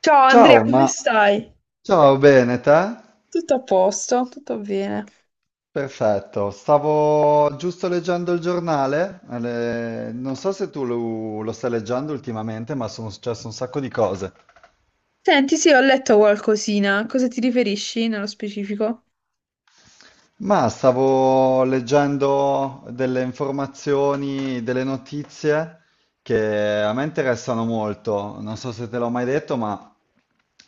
Ciao Andrea, Ciao, come ma stai? ciao, bene, te? Tutto a posto, tutto bene. Perfetto, stavo giusto leggendo il giornale, non so se tu lo stai leggendo ultimamente, ma sono successe un sacco di cose. Senti, sì, ho letto qualcosina. A cosa ti riferisci nello specifico? Ma stavo leggendo delle informazioni, delle notizie che a me interessano molto. Non so se te l'ho mai detto, ma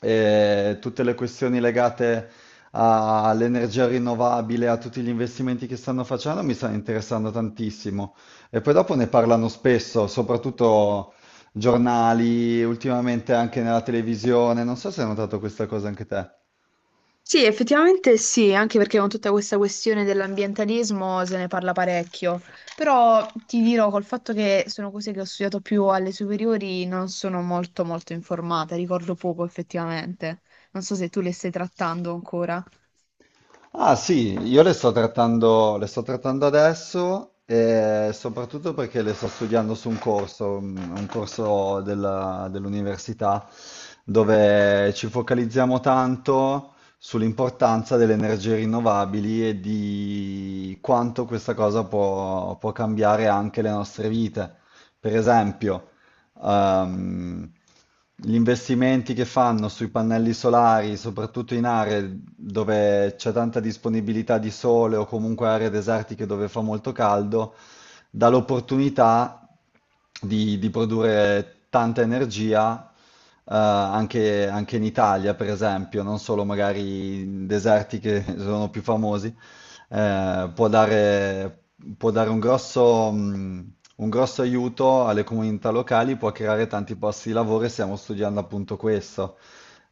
tutte le questioni legate all'energia rinnovabile, a tutti gli investimenti che stanno facendo, mi stanno interessando tantissimo. E poi dopo ne parlano spesso, soprattutto giornali, ultimamente anche nella televisione. Non so se hai notato questa cosa anche te. Sì, effettivamente sì, anche perché con tutta questa questione dell'ambientalismo se ne parla parecchio, però ti dirò col fatto che sono cose che ho studiato più alle superiori, non sono molto informata, ricordo poco effettivamente. Non so se tu le stai trattando ancora. Ah sì, io le sto trattando adesso e soprattutto perché le sto studiando su un corso, un corso dell'università dove ci focalizziamo tanto sull'importanza delle energie rinnovabili e di quanto questa cosa può cambiare anche le nostre vite. Per esempio, ehm, gli investimenti che fanno sui pannelli solari, soprattutto in aree dove c'è tanta disponibilità di sole o comunque aree desertiche dove fa molto caldo, dà l'opportunità di produrre tanta energia anche in Italia, per esempio, non solo magari in deserti che sono più famosi. eh, può dare, Può dare un un grosso aiuto alle comunità locali, può creare tanti posti di lavoro e stiamo studiando appunto questo.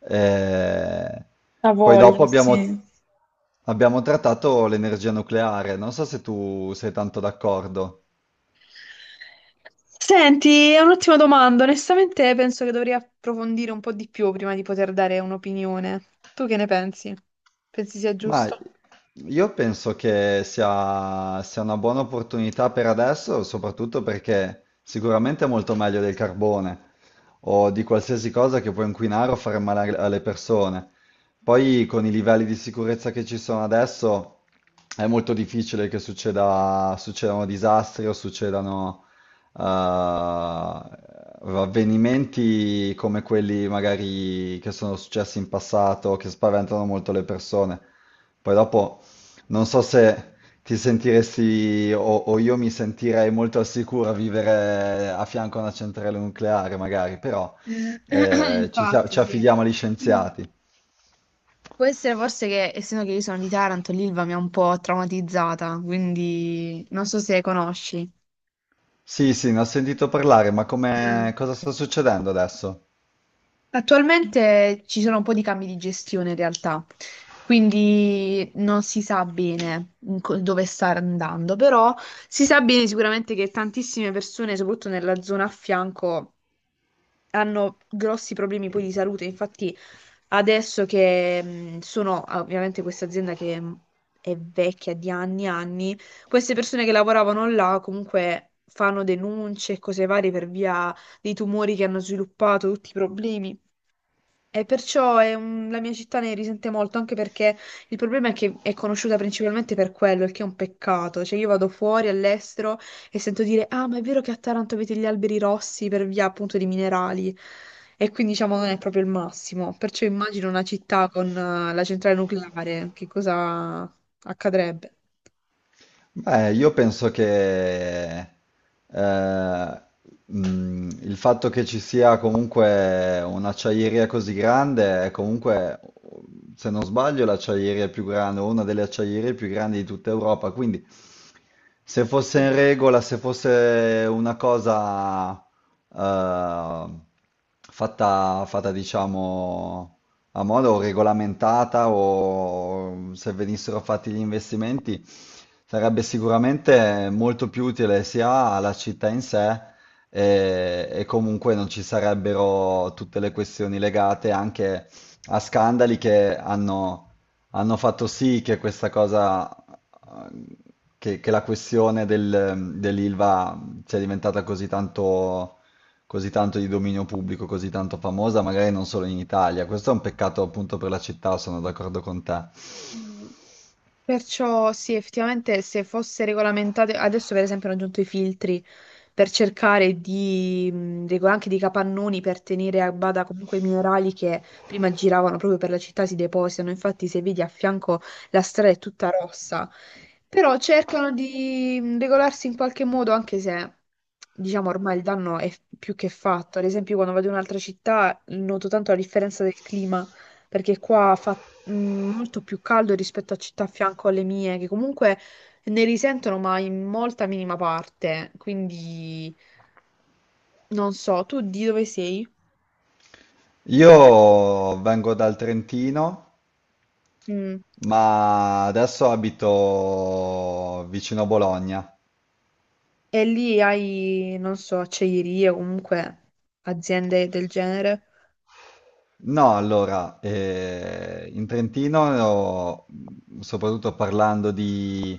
Eh, La poi dopo voglio, abbiamo, sì. Abbiamo trattato l'energia nucleare, non so se tu sei tanto d'accordo. Senti, è un'ottima domanda. Onestamente penso che dovrei approfondire un po' di più prima di poter dare un'opinione. Tu che ne pensi? Pensi sia Ma giusto? io penso che sia una buona opportunità per adesso, soprattutto perché sicuramente è molto meglio del carbone o di qualsiasi cosa che può inquinare o fare male alle persone. Poi con i livelli di sicurezza che ci sono adesso è molto difficile che succedano disastri o succedano avvenimenti come quelli magari che sono successi in passato, che spaventano molto le persone. Poi dopo non so se ti sentiresti o io mi sentirei molto al sicuro a vivere a fianco a una centrale nucleare, magari, però Eh, Infatti, ci sì. affidiamo agli scienziati. Può essere forse che, essendo che io sono di Taranto, l'Ilva mi ha un po' traumatizzata, quindi non so se conosci. Sì, sì, ne ho sentito parlare, ma come, cosa sta succedendo adesso? Attualmente ci sono un po' di cambi di gestione in realtà, quindi non si sa bene in dove sta andando, però si sa bene sicuramente che tantissime persone, soprattutto nella zona a fianco, hanno grossi problemi poi di salute. Infatti, adesso che sono ovviamente questa azienda che è vecchia di anni e anni, queste persone che lavoravano là comunque fanno denunce e cose varie per via dei tumori che hanno sviluppato, tutti i problemi. E perciò è la mia città ne risente molto, anche perché il problema è che è conosciuta principalmente per quello, il che è un peccato. Cioè io vado fuori all'estero e sento dire, ah, ma è vero che a Taranto avete gli alberi rossi per via appunto di minerali. E quindi diciamo non è proprio il massimo. Perciò immagino una città con la centrale nucleare, che cosa accadrebbe? Beh, io penso che eh, il fatto che ci sia comunque un'acciaieria così grande è comunque, se non sbaglio, l'acciaieria più grande, o una delle acciaierie più grandi di tutta Europa. Quindi, se fosse in regola, se fosse una cosa eh, fatta, diciamo, a modo regolamentata, o se venissero fatti gli investimenti, sarebbe sicuramente molto più utile sia alla città in sé e comunque non ci sarebbero tutte le questioni legate anche a scandali hanno fatto sì che questa eh, che la questione dell'Ilva sia diventata così tanto, così tanto di dominio pubblico, così tanto famosa, magari non solo in Italia. Questo è un peccato appunto per la città, sono d'accordo con te. Sì. Perciò sì, effettivamente se fosse regolamentate, adesso per esempio hanno aggiunto i filtri per cercare di, anche di capannoni per tenere a bada comunque i minerali che prima giravano proprio per la città si depositano, infatti se vedi a fianco la strada è tutta rossa, però cercano di regolarsi in qualche modo anche se diciamo ormai il danno è più che fatto. Ad esempio io quando vado in un'altra città noto tanto la differenza del clima, perché qua fa molto più caldo rispetto a città a fianco alle mie, che comunque ne risentono, ma in molta minima parte. Quindi non so, tu di dove sei? Io vengo dal Trentino, Mm. ma adesso abito vicino a Bologna. E lì hai, non so, acciaierie o comunque aziende del genere? No, allora, in Trentino, soprattutto parlando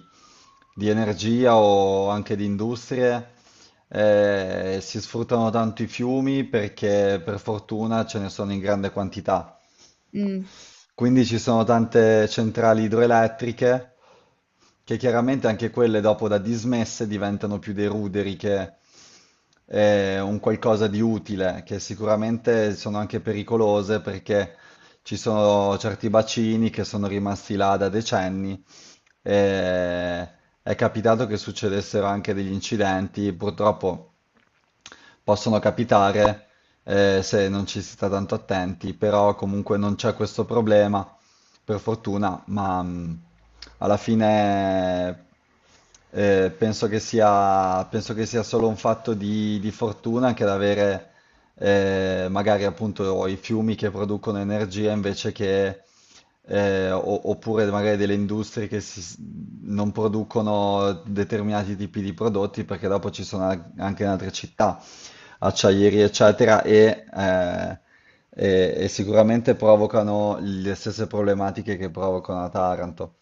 di energia o anche di industrie, si sfruttano tanto i fiumi perché per fortuna ce ne sono in grande quantità. Mm. Quindi ci sono tante centrali idroelettriche che chiaramente anche quelle dopo da dismesse diventano più dei ruderi che un qualcosa di utile, che sicuramente sono anche pericolose perché ci sono certi bacini che sono rimasti là da decenni. E è capitato che succedessero anche degli incidenti, purtroppo possono capitare se non ci si sta tanto attenti, però comunque non c'è questo problema, per fortuna, ma alla fine penso che sia solo un fatto di fortuna anche ad avere magari appunto i fiumi che producono energia invece che oppure magari delle industrie che non producono determinati tipi di prodotti perché dopo ci sono anche in altre città acciaieri, eccetera, e sicuramente provocano le stesse problematiche che provocano a Taranto.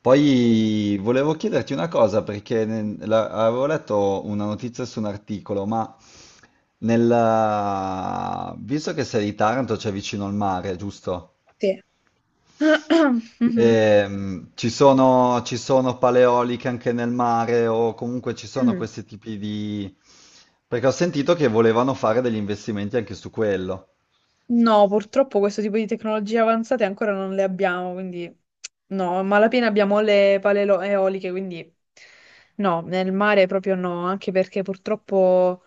Poi volevo chiederti una cosa, perché avevo letto una notizia su un articolo, ma visto che sei di Taranto, c'è vicino al mare, giusto? Sì. Mhm. Ci sono paleoliche anche nel mare o comunque ci sono Mm. questi tipi di... Perché ho sentito che volevano fare degli investimenti anche su quello. No, purtroppo questo tipo di tecnologie avanzate ancora non le abbiamo, quindi no, a malapena abbiamo le pale eoliche, quindi no, nel mare proprio no, anche perché purtroppo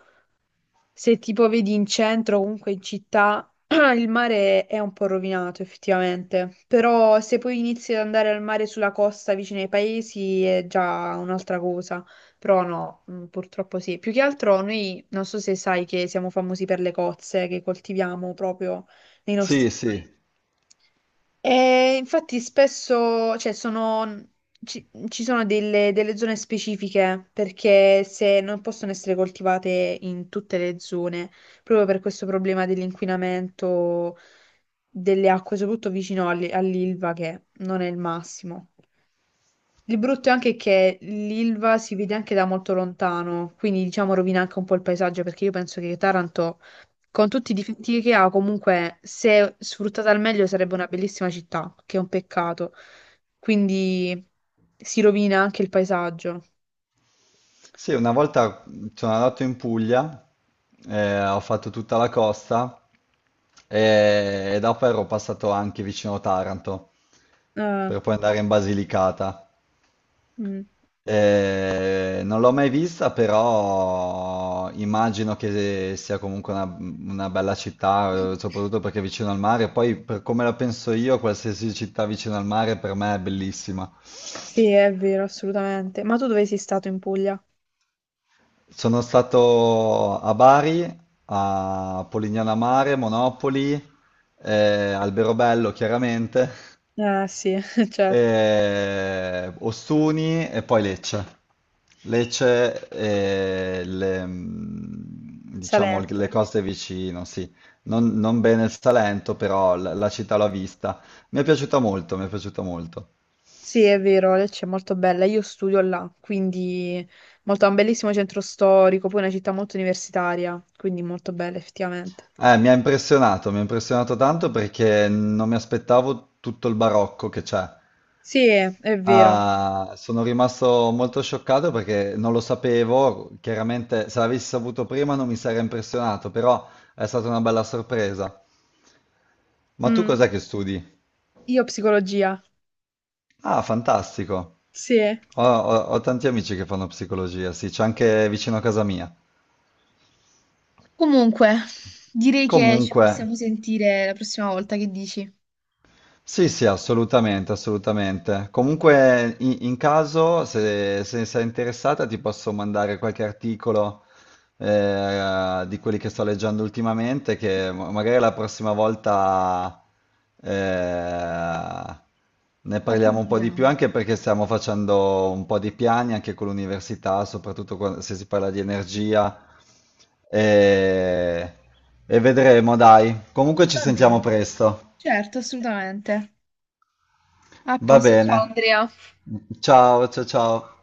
se tipo vedi in centro, comunque in città, il mare è un po' rovinato effettivamente, però se poi inizi ad andare al mare sulla costa vicino ai paesi è già un'altra cosa, però no, purtroppo sì. Più che altro noi, non so se sai che siamo famosi per le cozze che coltiviamo proprio nei Sì, nostri sì. mari. E infatti spesso, cioè, sono, ci sono delle, delle zone specifiche perché se non possono essere coltivate in tutte le zone, proprio per questo problema dell'inquinamento delle acque, soprattutto vicino all'Ilva, che non è il massimo. Il brutto è anche che l'Ilva si vede anche da molto lontano, quindi diciamo rovina anche un po' il paesaggio, perché io penso che Taranto, con tutti i difetti che ha, comunque se sfruttata al meglio sarebbe una bellissima città, che è un peccato. Quindi si rovina anche il paesaggio. Sì, una volta sono andato in Puglia, ho fatto tutta la costa e dopo ero passato anche vicino Taranto per Ah, poi andare in Basilicata. mm. Non l'ho mai vista, però immagino che sia comunque una bella città, soprattutto perché è vicino al mare. Poi, per come la penso io, qualsiasi città vicino al mare per me è bellissima. Sì, è vero, assolutamente. Ma tu dove sei stato in Puglia? Sono stato a Bari, a Polignano a Mare, Monopoli, Alberobello chiaramente. Ah, sì, certo. Ostuni e poi Lecce. Lecce e le, mm, diciamo Salento. le cose vicino, sì. Non, non bene il Salento, però la città l'ho vista. Mi è piaciuta molto, mi è piaciuta molto. Sì, è vero, Lecce è molto bella. Io studio là, quindi molto, ha un bellissimo centro storico, poi è una città molto universitaria, quindi molto bella effettivamente. Mi ha impressionato tanto perché non mi aspettavo tutto il barocco che c'è. Sì, è vero. Ah, sono rimasto molto scioccato perché non lo sapevo, chiaramente se l'avessi saputo prima non mi sarei impressionato, però è stata una bella sorpresa. Ma tu Mm, cos'è che studi? io psicologia. Ah, fantastico. Sì. Ho tanti amici che fanno psicologia, sì, c'è anche vicino a casa mia. Comunque, direi che ci Comunque, possiamo sentire la prossima volta, che dici? sì, sì, assolutamente, assolutamente. Comunque, in caso, se sei interessata, ti posso mandare qualche articolo di quelli che sto leggendo ultimamente, che magari la prossima volta eh, ne parliamo un po' di più, Approfondiamo. anche perché stiamo facendo un po' di piani anche con l'università, soprattutto se si parla di energia. E, e vedremo, dai. Comunque ci Va sentiamo bene. presto. Certo, assolutamente. A Va posto, ciao bene. Andrea. Ciao, ciao, ciao.